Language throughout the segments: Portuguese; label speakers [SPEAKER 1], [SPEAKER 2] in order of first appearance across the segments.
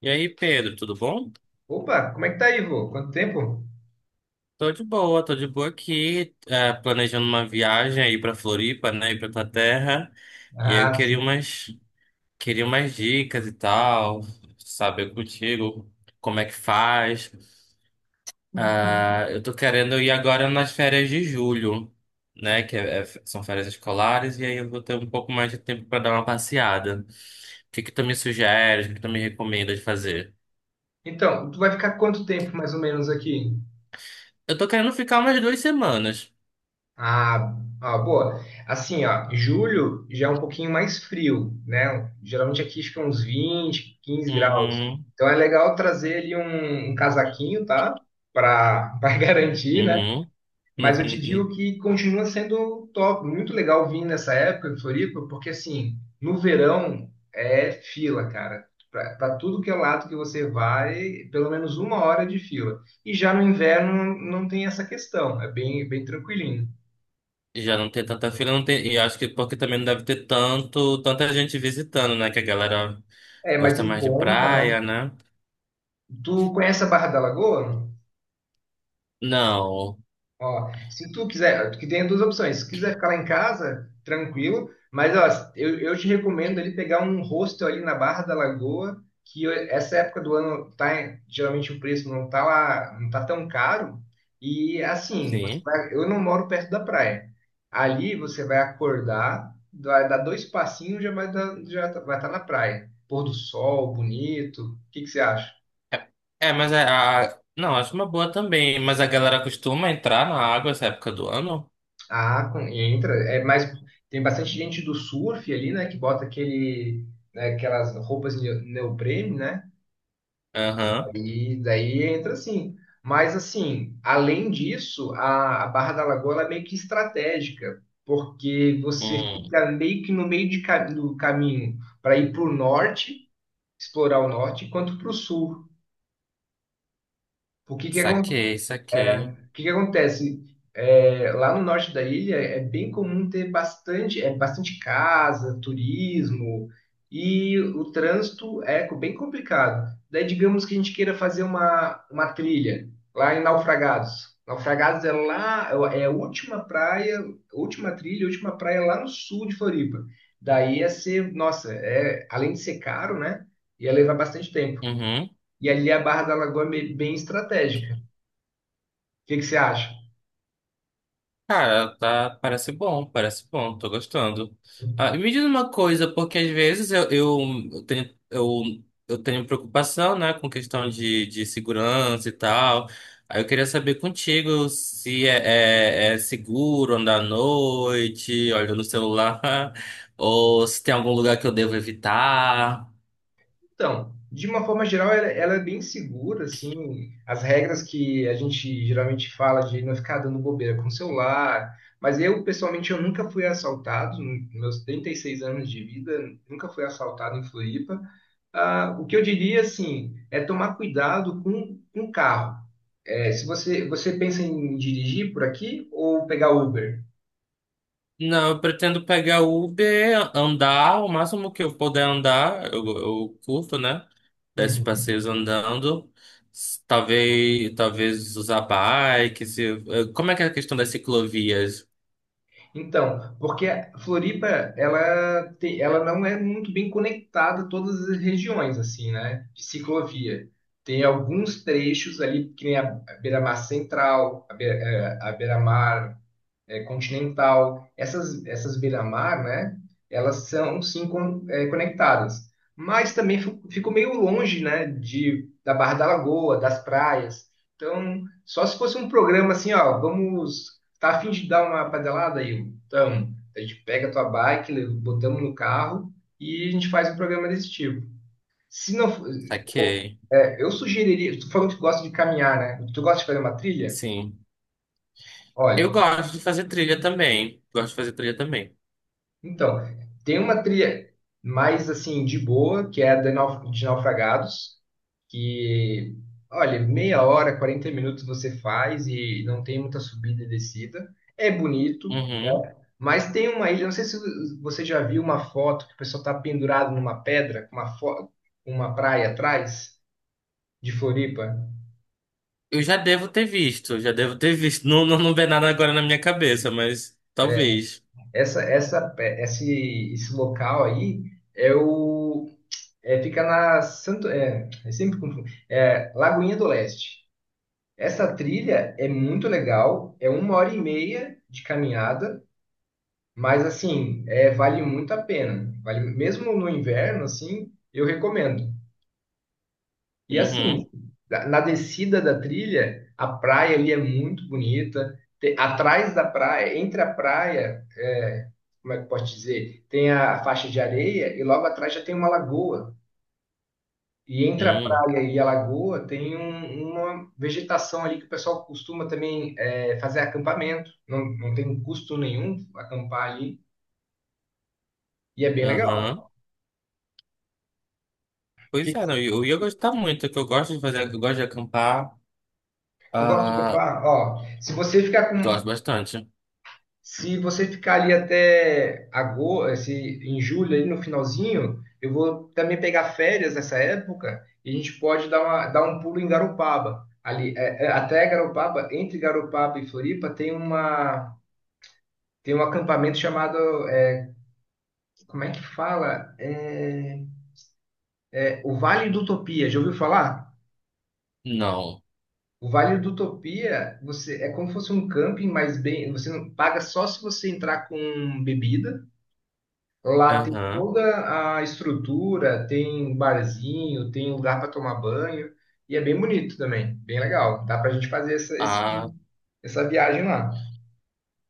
[SPEAKER 1] E aí, Pedro, tudo bom?
[SPEAKER 2] Opa, como é que tá aí, vô? Quanto tempo?
[SPEAKER 1] Tô de boa aqui, planejando uma viagem aí pra Floripa, né, e pra tua terra. E aí
[SPEAKER 2] Ah, sim.
[SPEAKER 1] queria umas dicas e tal, saber contigo como é que faz. Ah, eu tô querendo ir agora nas férias de julho, né, que são férias escolares, e aí eu vou ter um pouco mais de tempo pra dar uma passeada. O que que tu me sugere, o que que tu me recomenda de fazer?
[SPEAKER 2] Então, tu vai ficar quanto tempo mais ou menos aqui?
[SPEAKER 1] Eu tô querendo ficar umas duas semanas.
[SPEAKER 2] Ah, ah, boa. Assim, ó, julho já é um pouquinho mais frio, né? Geralmente aqui fica uns 20, 15 graus.
[SPEAKER 1] Uhum,
[SPEAKER 2] Então é legal trazer ali um casaquinho, tá? Para para garantir, né?
[SPEAKER 1] uhum.
[SPEAKER 2] Mas eu te digo
[SPEAKER 1] Uhum.
[SPEAKER 2] que continua sendo top, muito legal vir nessa época em Floripa, porque assim, no verão é fila, cara. Para tudo que é lado que você vai, pelo menos uma hora de fila. E já no inverno não tem essa questão, é bem, bem tranquilinho.
[SPEAKER 1] Já não tem tanta fila, não tem. E acho que porque também não deve ter tanta gente visitando, né? Que a galera
[SPEAKER 2] É, mas
[SPEAKER 1] gosta
[SPEAKER 2] em
[SPEAKER 1] mais de
[SPEAKER 2] conta, né?
[SPEAKER 1] praia, né?
[SPEAKER 2] Tu conhece a Barra da Lagoa?
[SPEAKER 1] Não,
[SPEAKER 2] Ó, se tu quiser, que tem duas opções. Se quiser ficar lá em casa, tranquilo, mas ó, eu te recomendo ali pegar um hostel ali na Barra da Lagoa, essa época do ano tá, geralmente o preço não tá lá, não tá tão caro. E assim, você
[SPEAKER 1] sim.
[SPEAKER 2] vai, eu não moro perto da praia. Ali você vai acordar, vai dar dois passinhos, já vai dar, vai estar na praia. Pôr do sol, bonito. O que que você acha?
[SPEAKER 1] É, mas Não, acho uma boa também. Mas a galera costuma entrar na água essa época do ano?
[SPEAKER 2] Ah, e entra. É mais, tem bastante gente do surf ali, né? Que bota aquele, né, aquelas roupas neoprene, né?
[SPEAKER 1] Aham.
[SPEAKER 2] E daí entra assim. Mas assim, além disso, a Barra da Lagoa ela é meio que estratégica, porque você
[SPEAKER 1] Hum,
[SPEAKER 2] fica meio que no meio do caminho para ir para o norte, explorar o norte, quanto para o sul. O que que
[SPEAKER 1] saquei, saquei.
[SPEAKER 2] O que que acontece? É, lá no norte da ilha é bem comum ter bastante, é, bastante casa, turismo, e o trânsito é bem complicado. Daí, digamos que a gente queira fazer uma trilha lá em Naufragados. Naufragados é lá, é a última praia, última trilha, última praia lá no sul de Floripa. Daí ia ser, nossa, é, além de ser caro, né? Ia levar bastante tempo.
[SPEAKER 1] Uhum.
[SPEAKER 2] E ali a Barra da Lagoa é bem bem estratégica. O que que você acha?
[SPEAKER 1] Cara, tá, parece bom, tô gostando. Ah, e me diz uma coisa, porque às vezes eu tenho, eu, eu tenho preocupação, né, com questão de segurança e tal. Aí eu queria saber contigo se é seguro andar à noite, olhando no celular, ou se tem algum lugar que eu devo evitar.
[SPEAKER 2] Então, de uma forma geral, ela é bem segura, assim, as regras que a gente geralmente fala de não ficar dando bobeira com o celular, mas eu, pessoalmente, eu nunca fui assaltado, nos meus 36 anos de vida, nunca fui assaltado em Floripa. Ah, o que eu diria, assim, é tomar cuidado com o carro. É, se você pensa em dirigir por aqui ou pegar Uber?
[SPEAKER 1] Não, eu pretendo pegar Uber, andar o máximo que eu puder andar, eu curto, né? Desses
[SPEAKER 2] Uhum.
[SPEAKER 1] passeios andando, talvez usar bike. Como é que é a questão das ciclovias?
[SPEAKER 2] Então, porque a Floripa, ela não é muito bem conectada a todas as regiões, assim, né? De ciclovia. Tem alguns trechos ali, que nem a Beira-Mar Central, a Beira-Mar é, continental, essas beira-mar, né? Elas são sim conectadas, mas também ficou meio longe, né? Da Barra da Lagoa, das praias. Então, só se fosse um programa assim, ó, vamos, tá a fim de dar uma pedalada aí? Então, a gente pega a tua bike, botamos no carro e a gente faz um programa desse tipo. Se não,
[SPEAKER 1] Saquei.
[SPEAKER 2] eu sugeriria, tu falou que gosta de caminhar, né? Tu gosta de fazer uma trilha?
[SPEAKER 1] Sim. Eu
[SPEAKER 2] Olha,
[SPEAKER 1] gosto de fazer trilha também. Gosto de fazer trilha também.
[SPEAKER 2] então, tem uma trilha mais assim de boa, que é a de Naufragados, que, olha, meia hora, 40 minutos você faz e não tem muita subida e descida. É bonito,
[SPEAKER 1] Uhum.
[SPEAKER 2] né? Mas tem uma ilha, não sei se você já viu uma foto que o pessoal está pendurado numa pedra, com uma praia atrás de Floripa.
[SPEAKER 1] Eu já devo ter visto, já devo ter visto. Não, não, não vem nada agora na minha cabeça, mas talvez.
[SPEAKER 2] Esse local aí é o é, fica na Santo, eu sempre confundo, Lagoinha do Leste. Essa trilha é muito legal, é uma hora e meia de caminhada, mas assim, é, vale muito a pena. Vale, mesmo no inverno, assim, eu recomendo. E
[SPEAKER 1] Uhum.
[SPEAKER 2] assim, na descida da trilha, a praia ali é muito bonita. Atrás da praia, entre a praia, é, como é que eu posso dizer, tem a faixa de areia e logo atrás já tem uma lagoa. E entre a
[SPEAKER 1] Uhum.
[SPEAKER 2] praia e a lagoa tem uma vegetação ali que o pessoal costuma também é, fazer acampamento. Não, não tem custo nenhum acampar ali. E é bem legal.
[SPEAKER 1] Aham. Pois
[SPEAKER 2] Que,
[SPEAKER 1] é,
[SPEAKER 2] se
[SPEAKER 1] não, eu ia gostar muito, que eu gosto de fazer, eu gosto de acampar.
[SPEAKER 2] eu gosto de
[SPEAKER 1] Ah,
[SPEAKER 2] acampar, ó,
[SPEAKER 1] gosto bastante.
[SPEAKER 2] se você ficar ali até agosto, se, em julho, ali no finalzinho, eu vou também pegar férias nessa época e a gente pode dar um pulo em Garopaba. Ali, até Garopaba, entre Garopaba e Floripa, tem um acampamento chamado como é que fala? O Vale do Utopia, já ouviu falar?
[SPEAKER 1] Não.
[SPEAKER 2] O Vale do Utopia, você é como se fosse um camping, mas bem, você não paga só se você entrar com bebida. Lá tem
[SPEAKER 1] Aham.
[SPEAKER 2] toda a estrutura, tem um barzinho, tem um lugar para tomar banho e é bem bonito também, bem legal. Dá pra gente fazer
[SPEAKER 1] Ah,
[SPEAKER 2] essa viagem lá.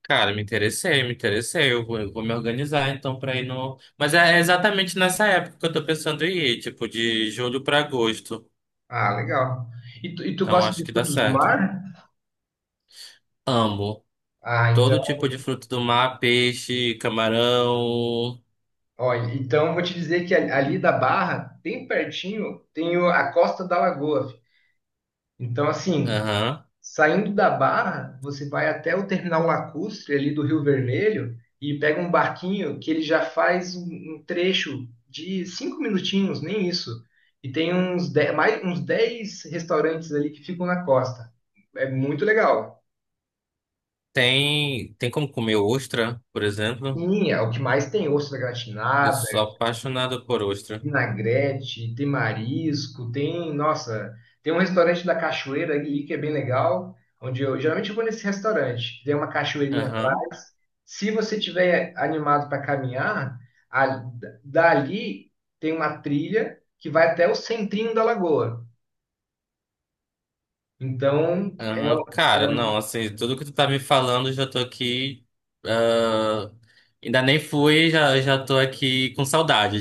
[SPEAKER 1] cara, me interessei, me interessei. Eu vou me organizar então pra ir no. Mas é exatamente nessa época que eu tô pensando em ir, tipo, de julho pra agosto.
[SPEAKER 2] Ah, legal. E tu
[SPEAKER 1] Então
[SPEAKER 2] gosta
[SPEAKER 1] acho
[SPEAKER 2] de
[SPEAKER 1] que dá
[SPEAKER 2] frutos do
[SPEAKER 1] certo.
[SPEAKER 2] mar?
[SPEAKER 1] Amo.
[SPEAKER 2] Ah, então.
[SPEAKER 1] Todo tipo de fruto do mar, peixe, camarão.
[SPEAKER 2] Olha, então eu vou te dizer que ali da Barra, bem pertinho, tem a Costa da Lagoa. Fi. Então, assim,
[SPEAKER 1] Aham.
[SPEAKER 2] saindo da Barra, você vai até o terminal lacustre ali do Rio Vermelho e pega um barquinho que ele já faz um trecho de cinco minutinhos, nem isso. E tem uns dez restaurantes ali que ficam na costa. É muito legal.
[SPEAKER 1] Tem, tem como comer ostra, por exemplo?
[SPEAKER 2] Sim, é o que mais tem, ostra
[SPEAKER 1] Eu
[SPEAKER 2] gratinada,
[SPEAKER 1] sou apaixonado por ostra.
[SPEAKER 2] vinagrete, tem marisco, tem, nossa, tem um restaurante da Cachoeira ali que é bem legal, onde eu geralmente eu vou nesse restaurante, tem uma cachoeirinha
[SPEAKER 1] Aham.
[SPEAKER 2] atrás. Se você tiver animado para caminhar, a- dali tem uma trilha que vai até o centrinho da lagoa. Então,
[SPEAKER 1] Aham, cara,
[SPEAKER 2] é-
[SPEAKER 1] não, assim, tudo que tu tá me falando, eu já tô aqui. Ah, ainda nem fui, já, já tô aqui com saudade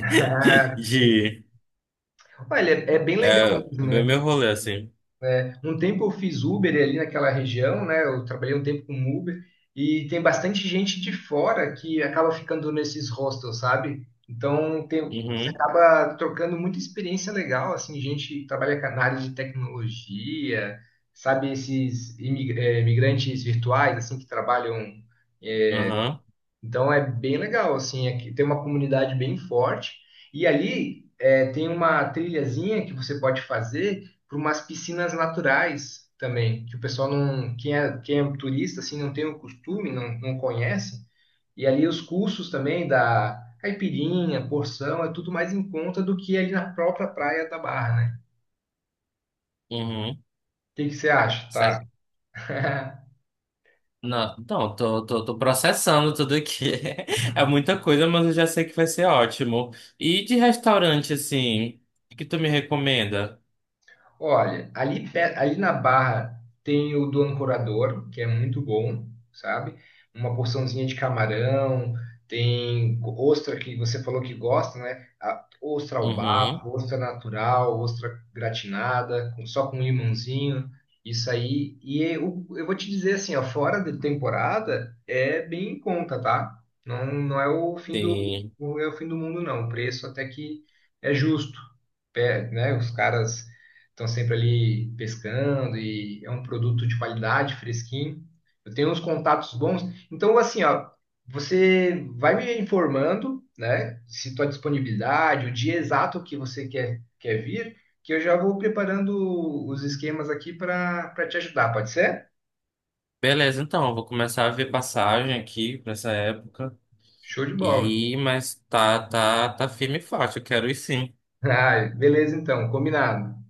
[SPEAKER 2] ah, sim.
[SPEAKER 1] de
[SPEAKER 2] Olha, é bem legal
[SPEAKER 1] é,
[SPEAKER 2] mesmo,
[SPEAKER 1] ver
[SPEAKER 2] né?
[SPEAKER 1] meu rolê, assim.
[SPEAKER 2] É, um tempo eu fiz Uber ali naquela região, né? Eu trabalhei um tempo com Uber e tem bastante gente de fora que acaba ficando nesses hostels, sabe? Você
[SPEAKER 1] Uhum,
[SPEAKER 2] acaba trocando muita experiência legal, assim, gente que trabalha com na área de tecnologia, sabe, esses imigrantes virtuais, assim, que trabalham
[SPEAKER 1] aham,
[SPEAKER 2] então é bem legal, assim, aqui tem uma comunidade bem forte e ali tem uma trilhazinha que você pode fazer para umas piscinas naturais também, que o pessoal não, quem é turista assim não tem o costume, não, não conhece. E ali os custos também da caipirinha, porção, é tudo mais em conta do que ali na própria praia da Barra, né?
[SPEAKER 1] uhum.
[SPEAKER 2] O que que você acha?
[SPEAKER 1] Sa-
[SPEAKER 2] Tá.
[SPEAKER 1] não, não, tô processando tudo aqui. É muita coisa, mas eu já sei que vai ser ótimo. E de restaurante, assim, o que tu me recomenda?
[SPEAKER 2] Olha, ali, ali na Barra tem o do Ancorador, que é muito bom, sabe? Uma porçãozinha de camarão, tem ostra que você falou que gosta, né? A ostra ao
[SPEAKER 1] Uhum,
[SPEAKER 2] bafo, ostra natural, ostra gratinada, só com limãozinho, isso aí. E eu vou te dizer assim, ó, fora de temporada é bem em conta, tá? Não, não é o fim do,
[SPEAKER 1] sim.
[SPEAKER 2] não é o fim do mundo, não. O preço até que é justo pé, né? Os caras estão sempre ali pescando e é um produto de qualidade, fresquinho. Eu tenho uns contatos bons. Então, assim, ó, você vai me informando, né, se tua disponibilidade, o dia exato que você quer vir, que eu já vou preparando os esquemas aqui para te ajudar, pode ser?
[SPEAKER 1] Beleza, então, eu vou começar a ver passagem aqui pra essa época.
[SPEAKER 2] Show de bola.
[SPEAKER 1] E, tá firme e forte, eu quero ir sim.
[SPEAKER 2] Ah, beleza, então, combinado.